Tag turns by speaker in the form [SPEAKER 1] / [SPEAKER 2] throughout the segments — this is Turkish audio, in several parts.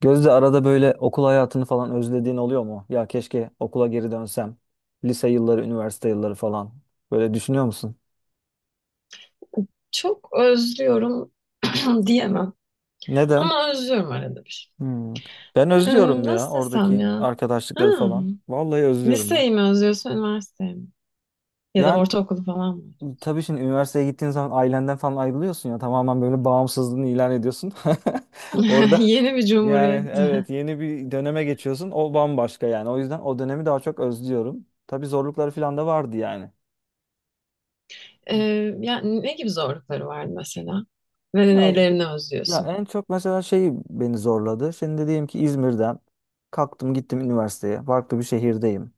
[SPEAKER 1] Gözde arada böyle okul hayatını falan özlediğin oluyor mu? Ya keşke okula geri dönsem. Lise yılları, üniversite yılları falan. Böyle düşünüyor musun?
[SPEAKER 2] Çok özlüyorum diyemem.
[SPEAKER 1] Neden?
[SPEAKER 2] Ama özlüyorum arada bir.
[SPEAKER 1] Hmm. Ben özlüyorum ya
[SPEAKER 2] Nasıl desem
[SPEAKER 1] oradaki
[SPEAKER 2] ya? Ha,
[SPEAKER 1] arkadaşlıkları falan. Vallahi özlüyorum ya.
[SPEAKER 2] liseyi mi özlüyorsun, üniversiteyi mi? Ya da
[SPEAKER 1] Yani
[SPEAKER 2] ortaokulu falan mı?
[SPEAKER 1] tabii şimdi üniversiteye gittiğin zaman ailenden falan ayrılıyorsun ya. Tamamen böyle bağımsızlığını ilan ediyorsun. Orada
[SPEAKER 2] Yeni bir
[SPEAKER 1] yani
[SPEAKER 2] cumhuriyet.
[SPEAKER 1] evet yeni bir döneme geçiyorsun. O bambaşka yani. O yüzden o dönemi daha çok özlüyorum. Tabii zorlukları falan da vardı yani.
[SPEAKER 2] Ee, Yani ne gibi zorlukları vardı mesela? Ve
[SPEAKER 1] Ya
[SPEAKER 2] nelerini
[SPEAKER 1] Ya,
[SPEAKER 2] özlüyorsun?
[SPEAKER 1] en çok mesela şey beni zorladı. Şimdi diyelim ki İzmir'den kalktım gittim üniversiteye. Farklı bir şehirdeyim.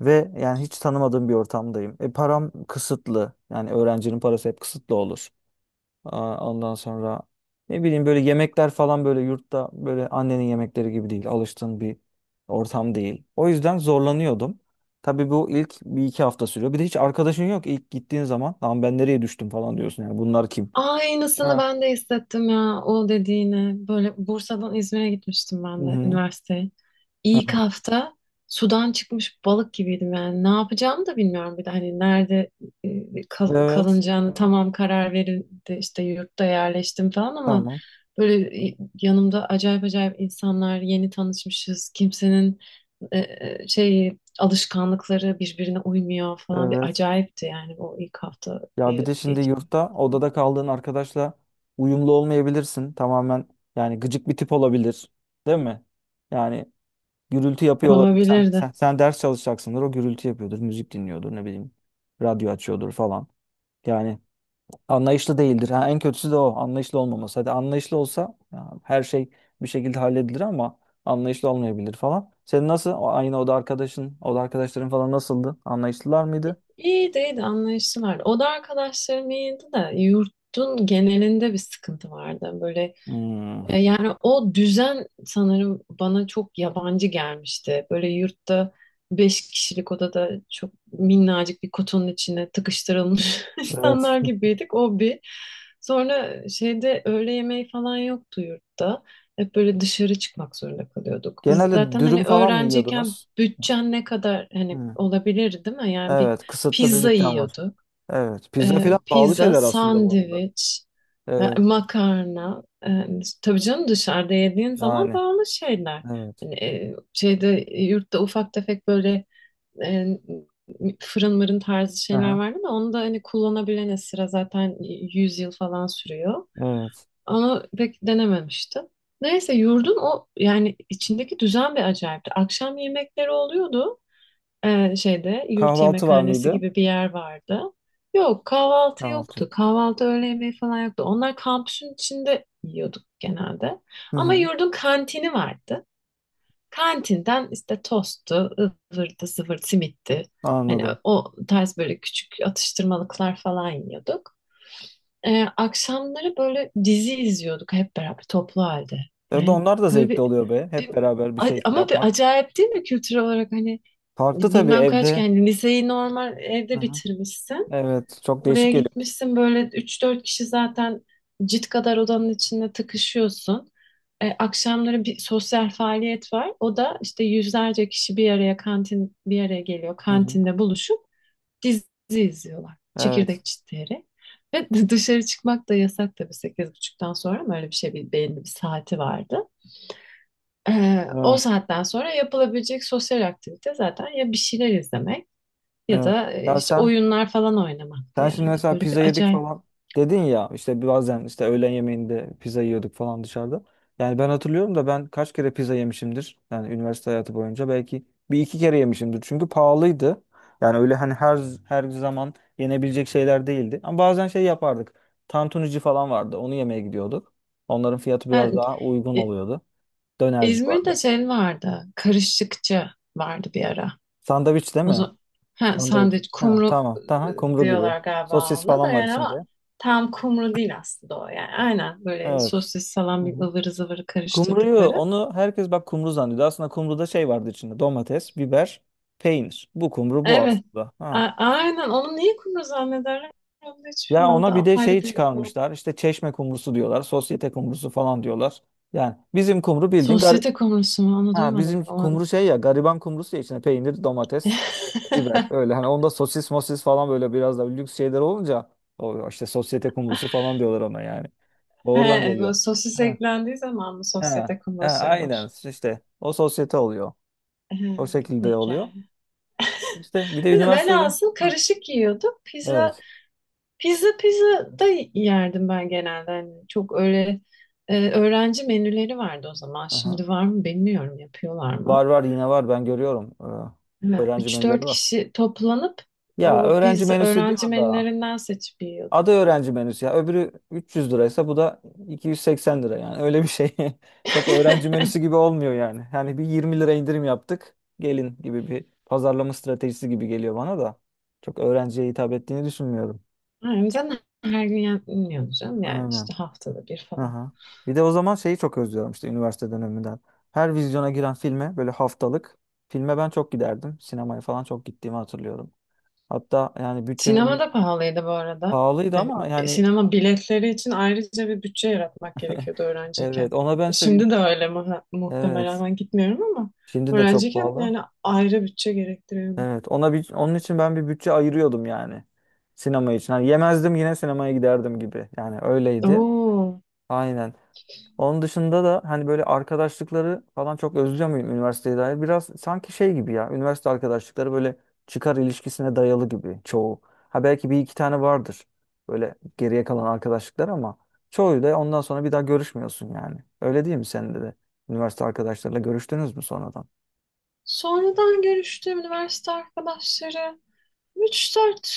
[SPEAKER 1] Ve yani hiç tanımadığım bir ortamdayım. E param kısıtlı. Yani öğrencinin parası hep kısıtlı olur. Aa, ondan sonra ne bileyim böyle yemekler falan böyle yurtta böyle annenin yemekleri gibi değil. Alıştığın bir ortam değil. O yüzden zorlanıyordum. Tabii bu ilk bir iki hafta sürüyor. Bir de hiç arkadaşın yok ilk gittiğin zaman. Lan ben nereye düştüm falan diyorsun. Yani bunlar kim?
[SPEAKER 2] Aynısını
[SPEAKER 1] Ha.
[SPEAKER 2] ben de hissettim ya o dediğine. Böyle Bursa'dan İzmir'e gitmiştim
[SPEAKER 1] Hı
[SPEAKER 2] ben de
[SPEAKER 1] hı.
[SPEAKER 2] üniversiteye. İlk
[SPEAKER 1] Aha.
[SPEAKER 2] hafta sudan çıkmış balık gibiydim yani. Ne yapacağımı da bilmiyorum bir de hani nerede
[SPEAKER 1] Evet.
[SPEAKER 2] kalınacağını, tamam, karar verildi, işte yurtta yerleştim falan ama
[SPEAKER 1] Tamam.
[SPEAKER 2] böyle, yanımda acayip acayip insanlar, yeni tanışmışız. Kimsenin şey, alışkanlıkları birbirine uymuyor falan, bir
[SPEAKER 1] Evet.
[SPEAKER 2] acayipti yani o ilk hafta
[SPEAKER 1] Ya bir de şimdi
[SPEAKER 2] geçirmek
[SPEAKER 1] yurtta odada kaldığın arkadaşla uyumlu olmayabilirsin. Tamamen yani gıcık bir tip olabilir. Değil mi? Yani gürültü yapıyor olabilir. Sen,
[SPEAKER 2] olabilirdi.
[SPEAKER 1] sen, sen ders çalışacaksındır. O gürültü yapıyordur. Müzik dinliyordur. Ne bileyim. Radyo açıyordur falan. Yani anlayışlı değildir. Ha, en kötüsü de o. Anlayışlı olmaması. Hadi anlayışlı olsa ya, her şey bir şekilde halledilir ama anlayışlı olmayabilir falan. Senin nasıl? O aynı oda arkadaşın, oda arkadaşların falan nasıldı? Anlayışlılar mıydı?
[SPEAKER 2] İyiydi, iyiydi, anlayışlılar. Oda arkadaşlarım iyiydi de yurtun genelinde bir sıkıntı vardı. Böyle,
[SPEAKER 1] Hmm,
[SPEAKER 2] yani o düzen sanırım bana çok yabancı gelmişti. Böyle yurtta 5 kişilik odada çok minnacık bir kutunun içine tıkıştırılmış
[SPEAKER 1] evet.
[SPEAKER 2] insanlar gibiydik. O bir. Sonra şeyde öğle yemeği falan yoktu yurtta. Hep böyle dışarı çıkmak zorunda kalıyorduk.
[SPEAKER 1] Genelde
[SPEAKER 2] Zaten
[SPEAKER 1] dürüm
[SPEAKER 2] hani
[SPEAKER 1] falan mı
[SPEAKER 2] öğrenciyken
[SPEAKER 1] yiyordunuz?
[SPEAKER 2] bütçen ne kadar hani
[SPEAKER 1] Hı.
[SPEAKER 2] olabilir değil mi? Yani bir
[SPEAKER 1] Evet, kısıtlı bir
[SPEAKER 2] pizza
[SPEAKER 1] bütçem var.
[SPEAKER 2] yiyorduk,
[SPEAKER 1] Evet, pizza falan pahalı
[SPEAKER 2] pizza,
[SPEAKER 1] şeyler aslında bu arada.
[SPEAKER 2] sandviç,
[SPEAKER 1] Evet,
[SPEAKER 2] makarna. Tabii canım, dışarıda yediğin zaman
[SPEAKER 1] yani
[SPEAKER 2] pahalı şeyler.
[SPEAKER 1] evet.
[SPEAKER 2] Hani, şeyde, yurtta ufak tefek böyle e, fırın mırın tarzı şeyler
[SPEAKER 1] Aha,
[SPEAKER 2] vardı ama onu da hani kullanabilene sıra zaten 100 yıl falan sürüyor.
[SPEAKER 1] evet.
[SPEAKER 2] Onu pek denememiştim. Neyse, yurdun o yani içindeki düzen bir acayipti. Akşam yemekleri oluyordu, şeyde yurt
[SPEAKER 1] Kahvaltı var
[SPEAKER 2] yemekhanesi
[SPEAKER 1] mıydı?
[SPEAKER 2] gibi bir yer vardı. Yok, kahvaltı
[SPEAKER 1] Kahvaltı.
[SPEAKER 2] yoktu. Kahvaltı, öğle yemeği falan yoktu. Onlar kampüsün içinde yiyorduk genelde.
[SPEAKER 1] Hı
[SPEAKER 2] Ama
[SPEAKER 1] hı,
[SPEAKER 2] yurdun kantini vardı. Kantinden işte tosttu, ıvırdı, zıvır, simitti. Hani
[SPEAKER 1] anladım.
[SPEAKER 2] o tarz böyle küçük atıştırmalıklar falan yiyorduk. Akşamları böyle dizi izliyorduk hep beraber toplu halde.
[SPEAKER 1] Evet,
[SPEAKER 2] Yani
[SPEAKER 1] onlar da
[SPEAKER 2] böyle
[SPEAKER 1] zevkli oluyor be.
[SPEAKER 2] bir-
[SPEAKER 1] Hep beraber bir şey
[SPEAKER 2] ama bir
[SPEAKER 1] yapmak.
[SPEAKER 2] acayip değil mi kültür olarak, hani
[SPEAKER 1] Farklı tabii
[SPEAKER 2] bilmem kaç
[SPEAKER 1] evde.
[SPEAKER 2] yani, liseyi normal
[SPEAKER 1] Hı
[SPEAKER 2] evde
[SPEAKER 1] hı.
[SPEAKER 2] bitirmişsin.
[SPEAKER 1] Evet, çok değişik
[SPEAKER 2] Oraya
[SPEAKER 1] geliyor.
[SPEAKER 2] gitmişsin, böyle üç dört kişi zaten cid kadar odanın içinde tıkışıyorsun. Akşamları bir sosyal faaliyet var. O da işte yüzlerce kişi bir araya kantin bir araya geliyor.
[SPEAKER 1] Hı hı.
[SPEAKER 2] Kantinde buluşup dizi izliyorlar.
[SPEAKER 1] Evet,
[SPEAKER 2] Çekirdek çitleyerek. Ve dışarı çıkmak da yasak tabii, sekiz buçuktan sonra mı, öyle bir şey, bir belli bir saati vardı. O
[SPEAKER 1] evet,
[SPEAKER 2] saatten sonra yapılabilecek sosyal aktivite zaten ya bir şeyler izlemek ya
[SPEAKER 1] evet.
[SPEAKER 2] da
[SPEAKER 1] Ya
[SPEAKER 2] işte
[SPEAKER 1] sen
[SPEAKER 2] oyunlar falan oynamaktı
[SPEAKER 1] Sen şimdi
[SPEAKER 2] yani.
[SPEAKER 1] mesela
[SPEAKER 2] Böyle bir
[SPEAKER 1] pizza yedik
[SPEAKER 2] acayip.
[SPEAKER 1] falan dedin ya işte bazen işte öğlen yemeğinde pizza yiyorduk falan dışarıda. Yani ben hatırlıyorum da ben kaç kere pizza yemişimdir. Yani üniversite hayatı boyunca belki bir iki kere yemişimdir. Çünkü pahalıydı. Yani öyle hani her zaman yenebilecek şeyler değildi. Ama bazen şey yapardık. Tantunici falan vardı. Onu yemeye gidiyorduk. Onların fiyatı biraz
[SPEAKER 2] Yani,
[SPEAKER 1] daha uygun
[SPEAKER 2] e,
[SPEAKER 1] oluyordu. Dönerci
[SPEAKER 2] İzmir'de
[SPEAKER 1] vardı.
[SPEAKER 2] şey vardı, karışıkçı vardı bir ara.
[SPEAKER 1] Sandviç değil
[SPEAKER 2] O
[SPEAKER 1] mi?
[SPEAKER 2] zaman, ha,
[SPEAKER 1] Sandviç.
[SPEAKER 2] sandviç
[SPEAKER 1] Ha,
[SPEAKER 2] kumru
[SPEAKER 1] tamam. Tamam. Kumru gibi.
[SPEAKER 2] diyorlar galiba
[SPEAKER 1] Sosis
[SPEAKER 2] ona da
[SPEAKER 1] falan var
[SPEAKER 2] yani, ama
[SPEAKER 1] içinde.
[SPEAKER 2] tam kumru değil aslında o yani. Aynen böyle
[SPEAKER 1] Evet.
[SPEAKER 2] sosis
[SPEAKER 1] Hı
[SPEAKER 2] salam
[SPEAKER 1] hı.
[SPEAKER 2] ıvırı zıvırı
[SPEAKER 1] Kumruyu
[SPEAKER 2] karıştırdıkları.
[SPEAKER 1] onu herkes bak kumru zannediyor. Aslında kumruda şey vardı içinde domates, biber, peynir. Bu kumru bu
[SPEAKER 2] Evet.
[SPEAKER 1] aslında. Ha.
[SPEAKER 2] Aynen, onu niye kumru zannederler? Onu da hiç
[SPEAKER 1] Ya
[SPEAKER 2] bilmem. O da
[SPEAKER 1] ona bir de
[SPEAKER 2] apayrı
[SPEAKER 1] şey
[SPEAKER 2] bir konu.
[SPEAKER 1] çıkarmışlar. İşte çeşme kumrusu diyorlar. Sosyete kumrusu falan diyorlar. Yani bizim kumru bildiğin gari-,
[SPEAKER 2] Sosyete kumrusu mu? Onu
[SPEAKER 1] ha,
[SPEAKER 2] duymadım
[SPEAKER 1] bizim
[SPEAKER 2] ben. Onu...
[SPEAKER 1] kumru şey ya gariban kumrusu ya içinde peynir, domates, biber öyle. Hani onda sosis mosis falan böyle biraz da lüks şeyler olunca o işte sosyete kumrusu falan diyorlar ona yani. Oradan
[SPEAKER 2] He,
[SPEAKER 1] geliyor.
[SPEAKER 2] bu sosis
[SPEAKER 1] Ha.
[SPEAKER 2] eklendiği zaman mı
[SPEAKER 1] Ha.
[SPEAKER 2] sosyete
[SPEAKER 1] Ha,
[SPEAKER 2] kumrusuymuş?
[SPEAKER 1] aynen işte o sosyete oluyor.
[SPEAKER 2] He,
[SPEAKER 1] O şekilde
[SPEAKER 2] peki.
[SPEAKER 1] oluyor. İşte bir de
[SPEAKER 2] Biz
[SPEAKER 1] üniversitede.
[SPEAKER 2] velhasıl
[SPEAKER 1] Hı.
[SPEAKER 2] karışık yiyorduk. Pizza
[SPEAKER 1] Evet.
[SPEAKER 2] Pizza pizza da yerdim ben genelde. Hani çok öyle öğrenci menüleri vardı o zaman.
[SPEAKER 1] Aha.
[SPEAKER 2] Şimdi var mı bilmiyorum, yapıyorlar
[SPEAKER 1] Var
[SPEAKER 2] mı?
[SPEAKER 1] var yine var ben görüyorum. Öğrenci
[SPEAKER 2] Üç
[SPEAKER 1] menüleri
[SPEAKER 2] dört
[SPEAKER 1] var.
[SPEAKER 2] kişi toplanıp
[SPEAKER 1] Ya
[SPEAKER 2] o
[SPEAKER 1] öğrenci
[SPEAKER 2] pizza
[SPEAKER 1] menüsü
[SPEAKER 2] öğrenci
[SPEAKER 1] diyor da
[SPEAKER 2] menülerinden seçip yiyorduk.
[SPEAKER 1] adı öğrenci menüsü ya öbürü 300 liraysa bu da 280 lira yani öyle bir şey. Çok öğrenci menüsü gibi olmuyor yani. Yani bir 20 lira indirim yaptık. Gelin gibi bir pazarlama stratejisi gibi geliyor bana da. Çok öğrenciye hitap ettiğini düşünmüyorum.
[SPEAKER 2] Yani sen her gün yapmıyordun canım yani,
[SPEAKER 1] Aynen.
[SPEAKER 2] işte haftada bir falan.
[SPEAKER 1] Aha. Bir de o zaman şeyi çok özlüyorum işte üniversite döneminden. Her vizyona giren filme böyle haftalık filme ben çok giderdim. Sinemaya falan çok gittiğimi hatırlıyorum. Hatta yani bütçemi
[SPEAKER 2] Sinema
[SPEAKER 1] bir
[SPEAKER 2] da pahalıydı bu arada.
[SPEAKER 1] pahalıydı
[SPEAKER 2] Yani
[SPEAKER 1] ama yani
[SPEAKER 2] sinema biletleri için ayrıca bir bütçe yaratmak gerekiyordu öğrenciyken.
[SPEAKER 1] evet ona ben işte bir
[SPEAKER 2] Şimdi de öyle
[SPEAKER 1] evet
[SPEAKER 2] muhtemelen ben gitmiyorum ama
[SPEAKER 1] şimdi de çok
[SPEAKER 2] öğrenciyken
[SPEAKER 1] pahalı.
[SPEAKER 2] yani ayrı bütçe gerektiriyordu.
[SPEAKER 1] Evet ona bir onun için ben bir bütçe ayırıyordum yani sinema için. Hani yemezdim yine sinemaya giderdim gibi. Yani öyleydi.
[SPEAKER 2] Oo.
[SPEAKER 1] Aynen. Onun dışında da hani böyle arkadaşlıkları falan çok özlüyor muyum üniversiteye dair? Biraz sanki şey gibi ya. Üniversite arkadaşlıkları böyle çıkar ilişkisine dayalı gibi çoğu. Ha belki bir iki tane vardır. Böyle geriye kalan arkadaşlıklar ama çoğu da ondan sonra bir daha görüşmüyorsun yani. Öyle değil mi senin de de? Üniversite arkadaşlarıyla görüştünüz mü sonradan?
[SPEAKER 2] Sonradan görüştüğüm üniversite arkadaşları, üç dört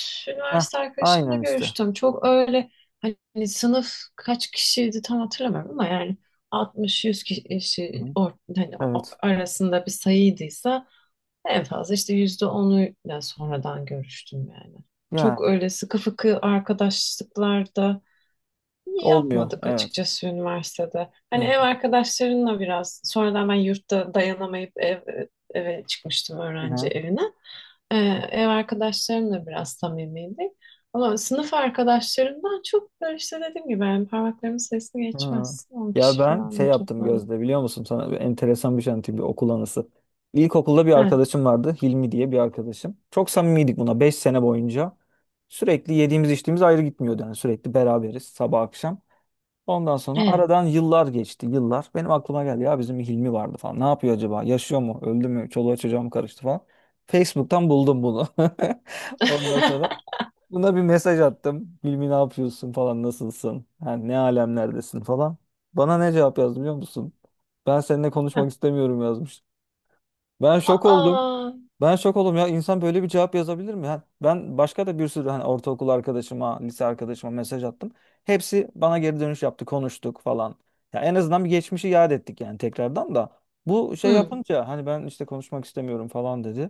[SPEAKER 1] Heh,
[SPEAKER 2] üniversite arkadaşımla
[SPEAKER 1] aynen işte.
[SPEAKER 2] görüştüm. Çok öyle hani, sınıf kaç kişiydi tam hatırlamıyorum ama yani 60-100
[SPEAKER 1] Hı
[SPEAKER 2] kişi
[SPEAKER 1] hı.
[SPEAKER 2] hani,
[SPEAKER 1] Evet.
[SPEAKER 2] arasında bir sayıydıysa, en fazla işte %10'uyla sonradan görüştüm yani. Çok
[SPEAKER 1] Yani
[SPEAKER 2] öyle sıkı fıkı arkadaşlıklarda
[SPEAKER 1] olmuyor.
[SPEAKER 2] yapmadık
[SPEAKER 1] Evet.
[SPEAKER 2] açıkçası üniversitede. Hani
[SPEAKER 1] Hı
[SPEAKER 2] ev arkadaşlarınla biraz, sonradan ben yurtta dayanamayıp eve çıkmıştım, öğrenci
[SPEAKER 1] hı.
[SPEAKER 2] evine. Ee, Ev arkadaşlarımla biraz samimiydik. Ama sınıf arkadaşlarımdan çok böyle işte dediğim gibi yani, parmaklarımın sayısı
[SPEAKER 1] Ha.
[SPEAKER 2] geçmez. on
[SPEAKER 1] Ya
[SPEAKER 2] kişi
[SPEAKER 1] ben şey
[SPEAKER 2] falandır
[SPEAKER 1] yaptım
[SPEAKER 2] toplamda.
[SPEAKER 1] Gözde biliyor musun sana bir enteresan bir şey anlatayım bir okul anısı. İlkokulda bir
[SPEAKER 2] Evet.
[SPEAKER 1] arkadaşım vardı Hilmi diye bir arkadaşım. Çok samimiydik buna 5 sene boyunca. Sürekli yediğimiz içtiğimiz ayrı gitmiyordu yani sürekli beraberiz sabah akşam. Ondan sonra
[SPEAKER 2] Evet.
[SPEAKER 1] aradan yıllar geçti yıllar. Benim aklıma geldi ya bizim Hilmi vardı falan. Ne yapıyor acaba? Yaşıyor mu? Öldü mü? Çoluğa çocuğa mı karıştı falan. Facebook'tan buldum bunu. Ondan sonra buna bir mesaj attım. Hilmi ne yapıyorsun falan nasılsın? Yani ne alemlerdesin falan. Bana ne cevap yazdı biliyor musun? Ben seninle konuşmak istemiyorum yazmış. Ben şok oldum.
[SPEAKER 2] Aa.
[SPEAKER 1] Ben şok oldum ya insan böyle bir cevap yazabilir mi? Yani ben başka da bir sürü hani ortaokul arkadaşıma, lise arkadaşıma mesaj attım. Hepsi bana geri dönüş yaptı, konuştuk falan. Ya en azından bir geçmişi yad ettik yani tekrardan da. Bu şey
[SPEAKER 2] Hmm.
[SPEAKER 1] yapınca hani ben işte konuşmak istemiyorum falan dedi.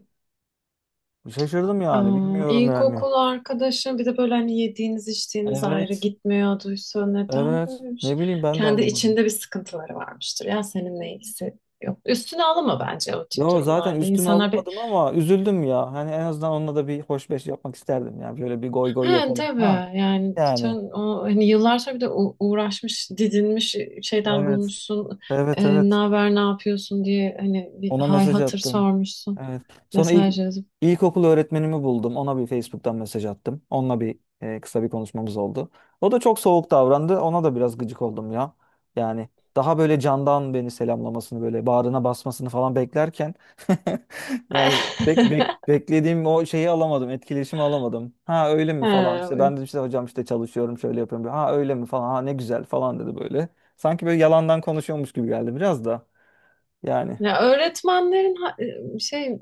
[SPEAKER 1] Şaşırdım yani
[SPEAKER 2] Aa,
[SPEAKER 1] bilmiyorum yani.
[SPEAKER 2] ilkokul arkadaşım, bir de böyle hani yediğiniz içtiğiniz ayrı
[SPEAKER 1] Evet.
[SPEAKER 2] gitmiyorduysa, neden böyle,
[SPEAKER 1] Evet.
[SPEAKER 2] böylemiş?
[SPEAKER 1] Ne bileyim ben de
[SPEAKER 2] Kendi
[SPEAKER 1] anlamadım.
[SPEAKER 2] içinde bir sıkıntıları varmıştır. Ya seninle ilgisi yok. Üstüne alınma bence o tip
[SPEAKER 1] Ya zaten
[SPEAKER 2] durumlarda.
[SPEAKER 1] üstüme
[SPEAKER 2] İnsanlar bir,
[SPEAKER 1] alamadım ama üzüldüm ya. Hani en azından onunla da bir hoşbeş yapmak isterdim. Yani şöyle bir goy goy
[SPEAKER 2] he
[SPEAKER 1] yapalım.
[SPEAKER 2] tabii
[SPEAKER 1] Ha
[SPEAKER 2] yani, sen
[SPEAKER 1] yani.
[SPEAKER 2] o hani yıllar sonra, bir de uğraşmış, didinmiş şeyden
[SPEAKER 1] Evet.
[SPEAKER 2] bulmuşsun.
[SPEAKER 1] Evet,
[SPEAKER 2] Ne
[SPEAKER 1] evet.
[SPEAKER 2] haber, ne yapıyorsun diye hani bir
[SPEAKER 1] Ona
[SPEAKER 2] hal
[SPEAKER 1] mesaj
[SPEAKER 2] hatır
[SPEAKER 1] attım.
[SPEAKER 2] sormuşsun.
[SPEAKER 1] Evet. Sonra ilk
[SPEAKER 2] Mesaj yazıp.
[SPEAKER 1] ilkokul öğretmenimi buldum. Ona bir Facebook'tan mesaj attım. Onunla bir kısa bir konuşmamız oldu. O da çok soğuk davrandı. Ona da biraz gıcık oldum ya. Yani daha böyle candan beni selamlamasını böyle bağrına basmasını falan beklerken yani beklediğim o şeyi alamadım. Etkileşimi alamadım. Ha öyle mi falan. İşte
[SPEAKER 2] He,
[SPEAKER 1] ben de işte hocam işte çalışıyorum şöyle yapıyorum. Ha öyle mi falan. Ha ne güzel falan dedi böyle. Sanki böyle yalandan konuşuyormuş gibi geldi biraz da. Yani.
[SPEAKER 2] ya öğretmenlerin şey,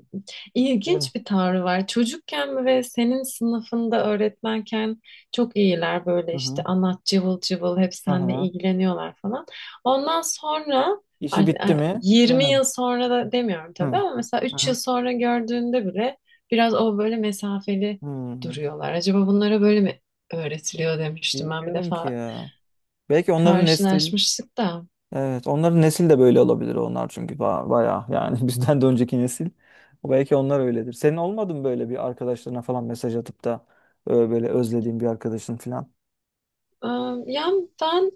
[SPEAKER 1] Öyle.
[SPEAKER 2] ilginç bir tavrı var. Çocukken ve senin sınıfında öğretmenken çok iyiler, böyle işte anlat, cıvıl cıvıl, hep seninle
[SPEAKER 1] Aha.
[SPEAKER 2] ilgileniyorlar falan. Ondan sonra
[SPEAKER 1] İşi
[SPEAKER 2] artık,
[SPEAKER 1] bitti
[SPEAKER 2] ay,
[SPEAKER 1] mi?
[SPEAKER 2] 20
[SPEAKER 1] Öyle mi?
[SPEAKER 2] yıl sonra da demiyorum tabii
[SPEAKER 1] Hı.
[SPEAKER 2] ama mesela 3 yıl
[SPEAKER 1] Aha.
[SPEAKER 2] sonra gördüğünde bile biraz o böyle mesafeli
[SPEAKER 1] Hı.
[SPEAKER 2] duruyorlar. Acaba bunlara böyle mi öğretiliyor, demiştim ben bir
[SPEAKER 1] Bilmiyorum ki
[SPEAKER 2] defa
[SPEAKER 1] ya. Belki onların nesil.
[SPEAKER 2] karşılaşmıştık da.
[SPEAKER 1] Evet, onların nesil de böyle olabilir onlar çünkü bayağı yani, bizden de önceki nesil. Belki onlar öyledir. Senin olmadı mı böyle bir arkadaşlarına falan mesaj atıp da böyle özlediğin bir arkadaşın falan?
[SPEAKER 2] Ee, Yani ben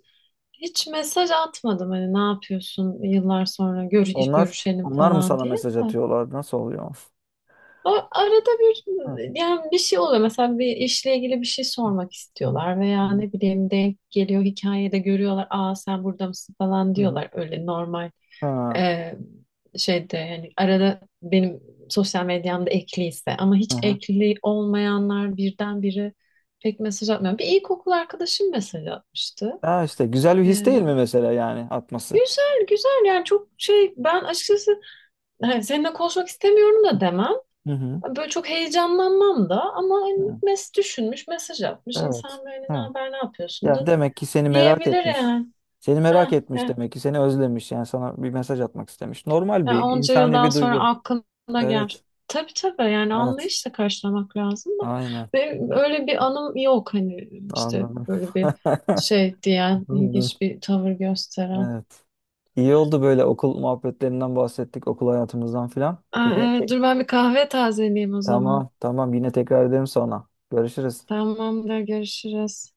[SPEAKER 2] hiç mesaj atmadım, hani ne yapıyorsun, yıllar sonra
[SPEAKER 1] Onlar
[SPEAKER 2] görüşelim
[SPEAKER 1] onlar mı
[SPEAKER 2] falan
[SPEAKER 1] sana
[SPEAKER 2] diye
[SPEAKER 1] mesaj
[SPEAKER 2] de.
[SPEAKER 1] atıyorlar? Nasıl oluyor?
[SPEAKER 2] O, arada bir,
[SPEAKER 1] Hı
[SPEAKER 2] yani bir şey oluyor. Mesela bir işle ilgili bir şey sormak istiyorlar
[SPEAKER 1] hı
[SPEAKER 2] veya
[SPEAKER 1] hı.
[SPEAKER 2] ne bileyim, denk geliyor hikayede görüyorlar. Aa, sen burada mısın falan
[SPEAKER 1] Hı hı.
[SPEAKER 2] diyorlar. Öyle normal,
[SPEAKER 1] Ha.
[SPEAKER 2] e, şeyde yani, arada benim sosyal medyamda ekliyse, ama
[SPEAKER 1] Hı
[SPEAKER 2] hiç
[SPEAKER 1] hı.
[SPEAKER 2] ekli olmayanlar birdenbire pek mesaj atmıyor. Bir ilkokul arkadaşım mesaj atmıştı.
[SPEAKER 1] Ha işte güzel bir his değil mi mesela yani atması?
[SPEAKER 2] Güzel, güzel yani, çok şey, ben açıkçası hani seninle konuşmak istemiyorum da demem.
[SPEAKER 1] Hı hı.
[SPEAKER 2] Böyle çok heyecanlanmam da, ama hani
[SPEAKER 1] Hı.
[SPEAKER 2] düşünmüş, mesaj atmış. İnsan böyle ne
[SPEAKER 1] Evet.
[SPEAKER 2] haber, ne yapıyorsun
[SPEAKER 1] Ya
[SPEAKER 2] da
[SPEAKER 1] demek ki seni merak
[SPEAKER 2] diyebilir
[SPEAKER 1] etmiş.
[SPEAKER 2] yani.
[SPEAKER 1] Seni merak
[SPEAKER 2] Ha,
[SPEAKER 1] etmiş
[SPEAKER 2] heh.
[SPEAKER 1] demek ki seni özlemiş. Yani sana bir mesaj atmak istemiş. Normal
[SPEAKER 2] Yani
[SPEAKER 1] bir
[SPEAKER 2] onca
[SPEAKER 1] insani
[SPEAKER 2] yıldan
[SPEAKER 1] bir
[SPEAKER 2] sonra
[SPEAKER 1] duygu.
[SPEAKER 2] aklına gelmiş.
[SPEAKER 1] Evet.
[SPEAKER 2] Tabii tabii, yani
[SPEAKER 1] Evet.
[SPEAKER 2] anlayışla karşılamak lazım da.
[SPEAKER 1] Aynen.
[SPEAKER 2] Benim öyle bir anım yok hani, işte
[SPEAKER 1] Anladım.
[SPEAKER 2] böyle bir şey diyen,
[SPEAKER 1] Hmm,
[SPEAKER 2] ilginç bir tavır gösteren.
[SPEAKER 1] evet. İyi oldu böyle okul muhabbetlerinden bahsettik, okul hayatımızdan filan.
[SPEAKER 2] Aa,
[SPEAKER 1] Yine te-
[SPEAKER 2] evet, dur ben bir kahve tazeleyeyim o zaman.
[SPEAKER 1] tamam, tamam. Yine tekrar edelim sonra. Görüşürüz.
[SPEAKER 2] Tamamdır, görüşürüz.